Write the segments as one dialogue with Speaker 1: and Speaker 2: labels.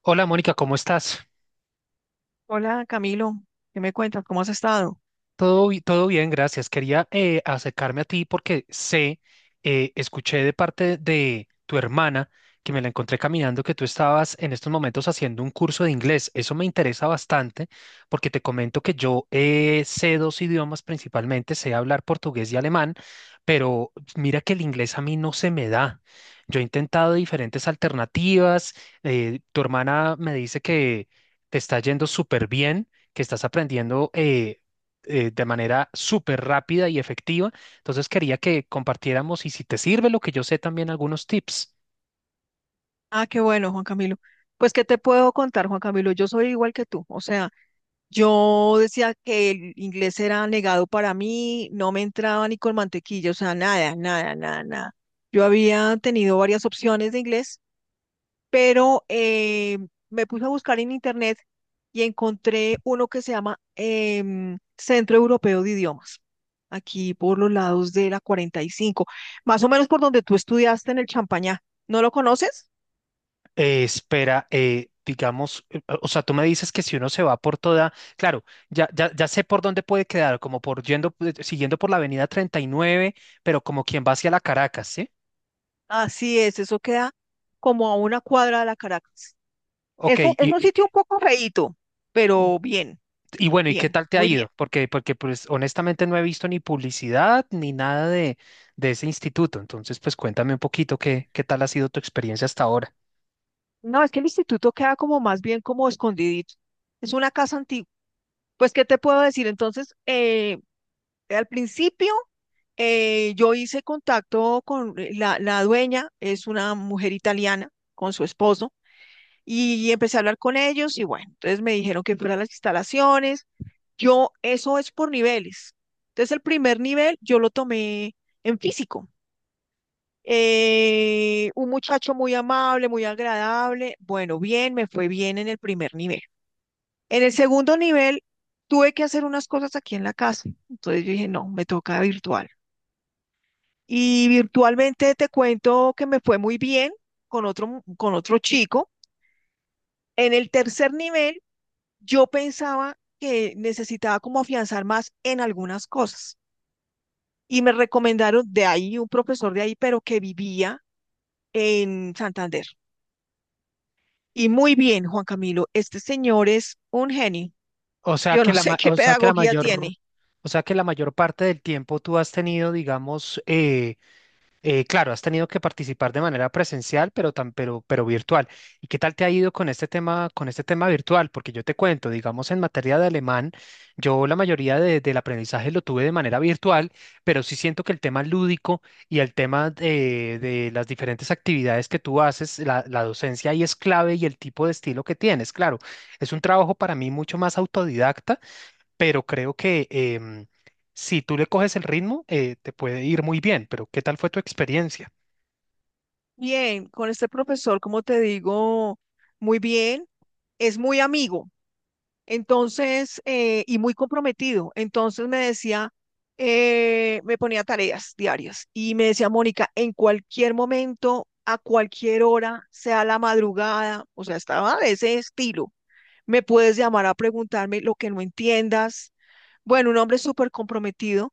Speaker 1: Hola Mónica, ¿cómo estás?
Speaker 2: Hola Camilo, ¿qué me cuentas? ¿Cómo has estado?
Speaker 1: Todo bien, gracias. Quería acercarme a ti porque escuché de parte de tu hermana que me la encontré caminando que tú estabas en estos momentos haciendo un curso de inglés. Eso me interesa bastante porque te comento que yo sé dos idiomas principalmente, sé hablar portugués y alemán, pero mira que el inglés a mí no se me da. Yo he intentado diferentes alternativas. Tu hermana me dice que te está yendo súper bien, que estás aprendiendo de manera súper rápida y efectiva. Entonces quería que compartiéramos y si te sirve lo que yo sé también algunos tips.
Speaker 2: Ah, qué bueno, Juan Camilo. Pues, ¿qué te puedo contar, Juan Camilo? Yo soy igual que tú. O sea, yo decía que el inglés era negado para mí, no me entraba ni con mantequilla, o sea, nada, nada, nada, nada. Yo había tenido varias opciones de inglés pero me puse a buscar en internet y encontré uno que se llama Centro Europeo de Idiomas, aquí por los lados de la 45, más o menos por donde tú estudiaste en el Champañá. ¿No lo conoces?
Speaker 1: Espera, digamos, o sea, tú me dices que si uno se va por toda, claro, ya, ya, ya sé por dónde puede quedar, como por yendo, siguiendo por la avenida 39, pero como quien va hacia la Caracas, ¿sí?
Speaker 2: Así es, eso queda como a una cuadra de la Caracas.
Speaker 1: Ok,
Speaker 2: Es un, es un sitio un poco feíto, pero bien,
Speaker 1: y bueno, ¿y qué
Speaker 2: bien,
Speaker 1: tal te ha
Speaker 2: muy bien.
Speaker 1: ido? Porque pues honestamente no he visto ni publicidad ni nada de, de ese instituto. Entonces, pues cuéntame un poquito qué tal ha sido tu experiencia hasta ahora.
Speaker 2: No, es que el instituto queda como más bien como escondidito. Es una casa antigua. Pues, ¿qué te puedo decir? Entonces, al principio yo hice contacto con la dueña, es una mujer italiana con su esposo, y empecé a hablar con ellos y bueno, entonces me dijeron que fuera a las instalaciones. Yo, eso es por niveles. Entonces el primer nivel yo lo tomé en físico. Un muchacho muy amable, muy agradable. Bueno, bien, me fue bien en el primer nivel. En el segundo nivel tuve que hacer unas cosas aquí en la casa. Entonces yo dije, no, me toca virtual. Y virtualmente te cuento que me fue muy bien con otro, con otro chico. En el tercer nivel, yo pensaba que necesitaba como afianzar más en algunas cosas. Y me recomendaron de ahí un profesor de ahí, pero que vivía en Santander. Y muy bien, Juan Camilo, este señor es un genio.
Speaker 1: O sea
Speaker 2: Yo
Speaker 1: que
Speaker 2: no
Speaker 1: la,
Speaker 2: sé
Speaker 1: ma-
Speaker 2: qué
Speaker 1: o sea que la
Speaker 2: pedagogía
Speaker 1: mayor,
Speaker 2: tiene.
Speaker 1: O sea que la mayor parte del tiempo tú has tenido, digamos, claro, has tenido que participar de manera presencial, pero virtual. ¿Y qué tal te ha ido con este tema virtual? Porque yo te cuento, digamos, en materia de alemán, yo la mayoría del aprendizaje lo tuve de manera virtual, pero sí siento que el tema lúdico y el tema de las diferentes actividades que tú haces, la docencia ahí es clave y el tipo de estilo que tienes. Claro, es un trabajo para mí mucho más autodidacta, pero creo que si tú le coges el ritmo, te puede ir muy bien, pero ¿qué tal fue tu experiencia?
Speaker 2: Bien, con este profesor, como te digo, muy bien. Es muy amigo. Entonces, y muy comprometido. Entonces me decía, me ponía tareas diarias y me decía, Mónica, en cualquier momento, a cualquier hora, sea la madrugada, o sea, estaba de ese estilo. Me puedes llamar a preguntarme lo que no entiendas. Bueno, un hombre súper comprometido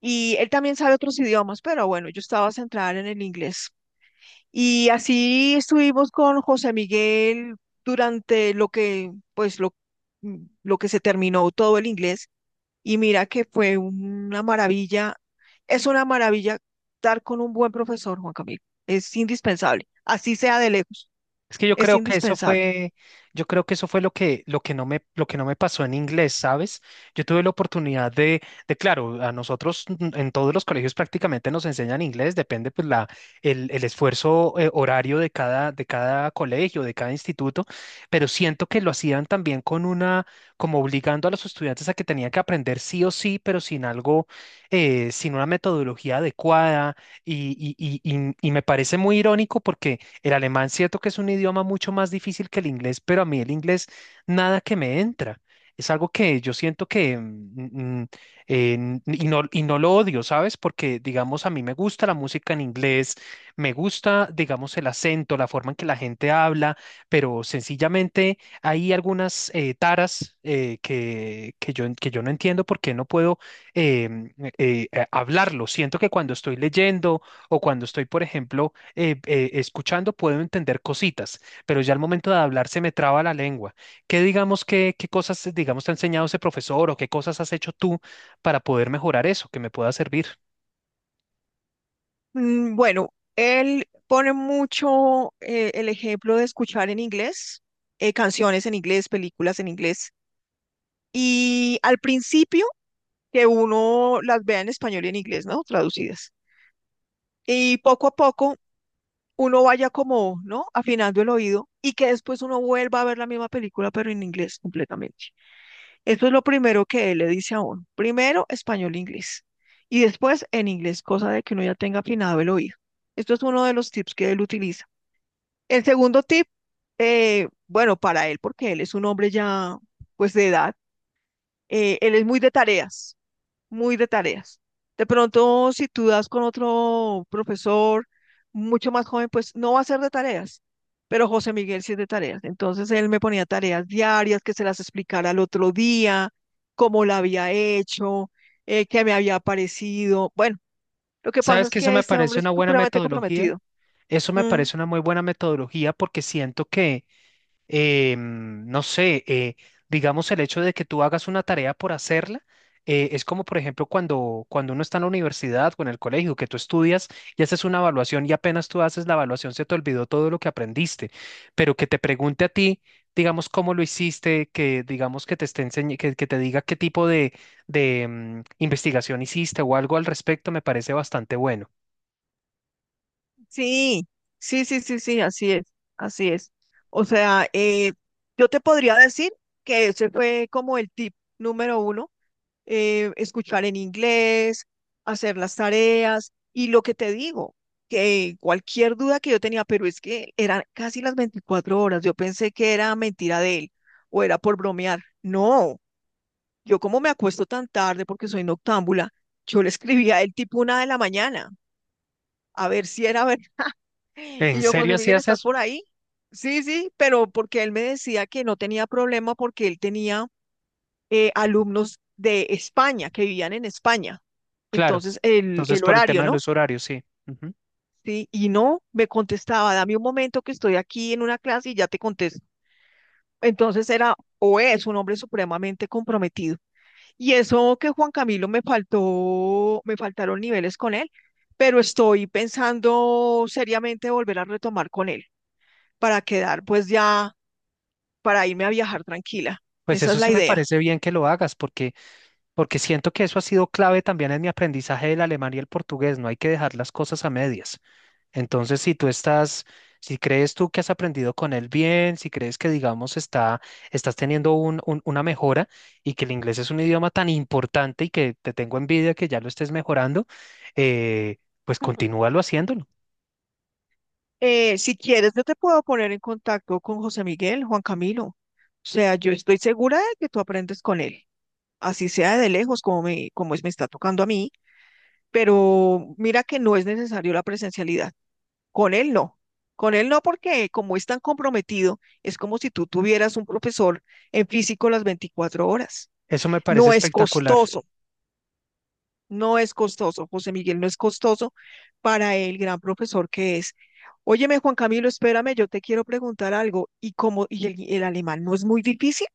Speaker 2: y él también sabe otros idiomas, pero bueno, yo estaba centrada en el inglés. Y así estuvimos con José Miguel durante lo que, pues, lo, mm, lo que se terminó todo el inglés. Y mira que fue una maravilla, es una maravilla estar con un buen profesor, Juan Camilo. Es indispensable, así sea de lejos,
Speaker 1: Es que yo
Speaker 2: es
Speaker 1: creo que eso
Speaker 2: indispensable.
Speaker 1: fue, Yo creo que eso fue lo que, lo que no me pasó en inglés, ¿sabes? Yo tuve la oportunidad claro, a nosotros mm, en todos los colegios prácticamente nos enseñan inglés, depende pues el esfuerzo horario de cada colegio, de cada instituto, pero siento que lo hacían también con una, como obligando a los estudiantes a que tenían que aprender sí o sí, pero sin algo, sin una metodología adecuada, y me parece muy irónico porque el alemán, cierto que es un idioma mucho más difícil que el inglés, pero a mí el inglés nada que me entra. Es algo que yo siento que, y no lo odio, ¿sabes? Porque, digamos, a mí me gusta la música en inglés, me gusta, digamos, el acento, la forma en que la gente habla, pero sencillamente hay algunas taras que yo no entiendo por qué no puedo em, hablarlo. Siento que cuando estoy leyendo o cuando estoy, por ejemplo, escuchando puedo entender cositas, pero ya al momento de hablar se me traba la lengua. Qué cosas, digamos, te ha enseñado ese profesor o qué cosas has hecho tú para poder mejorar eso, que me pueda servir?
Speaker 2: Mm. Bueno, él pone mucho el ejemplo de escuchar en inglés, canciones en inglés, películas en inglés. Y al principio que uno las vea en español y en inglés, ¿no? Traducidas. Y poco a poco uno vaya como, ¿no? Afinando el oído y que después uno vuelva a ver la misma película, pero en inglés completamente. Eso es lo primero que él le dice a uno. Primero español e inglés. Y después en inglés, cosa de que uno ya tenga afinado el oído. Esto es uno de los tips que él utiliza. El segundo tip, bueno, para él, porque él es un hombre ya, pues de edad, él es muy de tareas. Muy de tareas. De pronto, si tú das con otro profesor mucho más joven, pues no va a ser de tareas, pero José Miguel sí es de tareas. Entonces él me ponía tareas diarias que se las explicara al otro día, cómo la había hecho, qué me había parecido. Bueno, lo que pasa
Speaker 1: ¿Sabes
Speaker 2: es
Speaker 1: que eso
Speaker 2: que
Speaker 1: me
Speaker 2: este
Speaker 1: parece
Speaker 2: hombre es
Speaker 1: una buena
Speaker 2: supremamente
Speaker 1: metodología?
Speaker 2: comprometido.
Speaker 1: Eso me
Speaker 2: Mm,
Speaker 1: parece una muy buena metodología porque siento que no sé, digamos el hecho de que tú hagas una tarea por hacerla, es como por ejemplo cuando uno está en la universidad o en el colegio, que tú estudias y haces una evaluación y apenas tú haces la evaluación se te olvidó todo lo que aprendiste, pero que te pregunte a ti, digamos, cómo lo hiciste, que digamos que te esté enseñ- que te diga qué tipo de investigación hiciste o algo al respecto, me parece bastante bueno.
Speaker 2: sí, sí, sí, sí, sí, así es, así es. O sea, yo te podría decir que ese fue como el tip número uno, escuchar en inglés, hacer las tareas y lo que te digo, que cualquier duda que yo tenía, pero es que eran casi las 24 horas, yo pensé que era mentira de él o era por bromear. No, yo como me acuesto tan tarde porque soy noctámbula, yo le escribía a él tipo una de la mañana, a ver si era ver. Y
Speaker 1: ¿En
Speaker 2: yo,
Speaker 1: serio
Speaker 2: José
Speaker 1: así
Speaker 2: Miguel, ¿estás
Speaker 1: haces?
Speaker 2: por ahí? Sí, sí, pero porque él me decía que no tenía problema porque él tenía alumnos de España, que vivían en España.
Speaker 1: Claro.
Speaker 2: Entonces, el,
Speaker 1: Entonces,
Speaker 2: el
Speaker 1: por el tema
Speaker 2: horario,
Speaker 1: de
Speaker 2: ¿no?
Speaker 1: los horarios, sí.
Speaker 2: Sí, y no me contestaba, dame un momento que estoy aquí en una clase y ya te contesto. Entonces era o es un hombre supremamente comprometido. Y eso que Juan Camilo me faltaron niveles con él, pero estoy pensando seriamente volver a retomar con él para quedar pues ya, para irme a viajar tranquila.
Speaker 1: Pues
Speaker 2: Esa
Speaker 1: eso
Speaker 2: es la
Speaker 1: sí me
Speaker 2: idea.
Speaker 1: parece bien que lo hagas, porque, porque siento que eso ha sido clave también en mi aprendizaje del alemán y el portugués. No hay que dejar las cosas a medias. Entonces, si crees tú que has aprendido con él bien, si crees que, digamos, está, estás teniendo una mejora y que el inglés es un idioma tan importante y que te tengo envidia que ya lo estés mejorando, pues continúalo haciéndolo.
Speaker 2: Si quieres, yo te puedo poner en contacto con José Miguel, Juan Camilo. O sea, yo estoy segura de que tú aprendes con él, así sea de lejos como es, me está tocando a mí, pero mira que no es necesario la presencialidad. Con él no. Con él no porque como es tan comprometido, es como si tú tuvieras un profesor en físico las 24 horas.
Speaker 1: Eso me parece
Speaker 2: No es
Speaker 1: espectacular.
Speaker 2: costoso. No es costoso, José Miguel, no es costoso para el gran profesor que es. Óyeme, Juan Camilo, espérame, yo te quiero preguntar algo. ¿Y cómo, y el alemán no es muy difícil?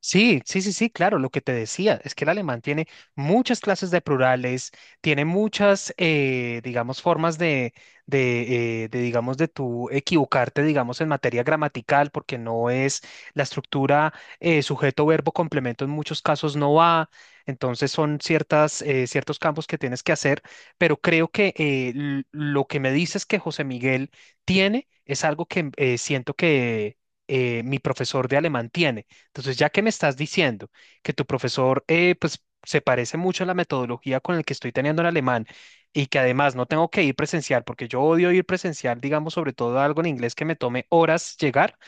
Speaker 1: Sí, sí, sí, sí, claro, lo que te decía es que el alemán tiene muchas clases de plurales, tiene muchas, digamos, formas de, digamos, de tú equivocarte, digamos, en materia gramatical, porque no es la estructura sujeto, verbo, complemento, en muchos casos no va, entonces son ciertas, ciertos campos que tienes que hacer, pero creo que lo que me dices que José Miguel tiene es algo que siento que mi profesor de alemán tiene, entonces, ya que me estás diciendo que tu profesor, pues, se parece mucho a la metodología con la que estoy teniendo el alemán, y que además no tengo que ir presencial, porque yo odio ir presencial, digamos, sobre todo algo en inglés que me tome horas llegar,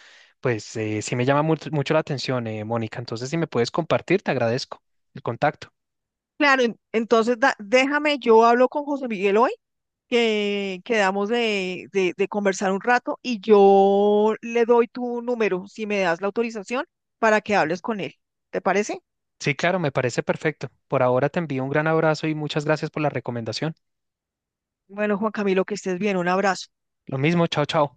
Speaker 1: pues sí me llama mucho la atención, Mónica. Entonces, si me puedes compartir, te agradezco el contacto.
Speaker 2: Claro, déjame, yo hablo con José Miguel hoy, que quedamos de conversar un rato y yo le doy tu número, si me das la autorización, para que hables con él. ¿Te parece?
Speaker 1: Sí, claro, me parece perfecto. Por ahora te envío un gran abrazo y muchas gracias por la recomendación.
Speaker 2: Bueno, Juan Camilo, que estés bien, un abrazo.
Speaker 1: Lo mismo, chao, chao.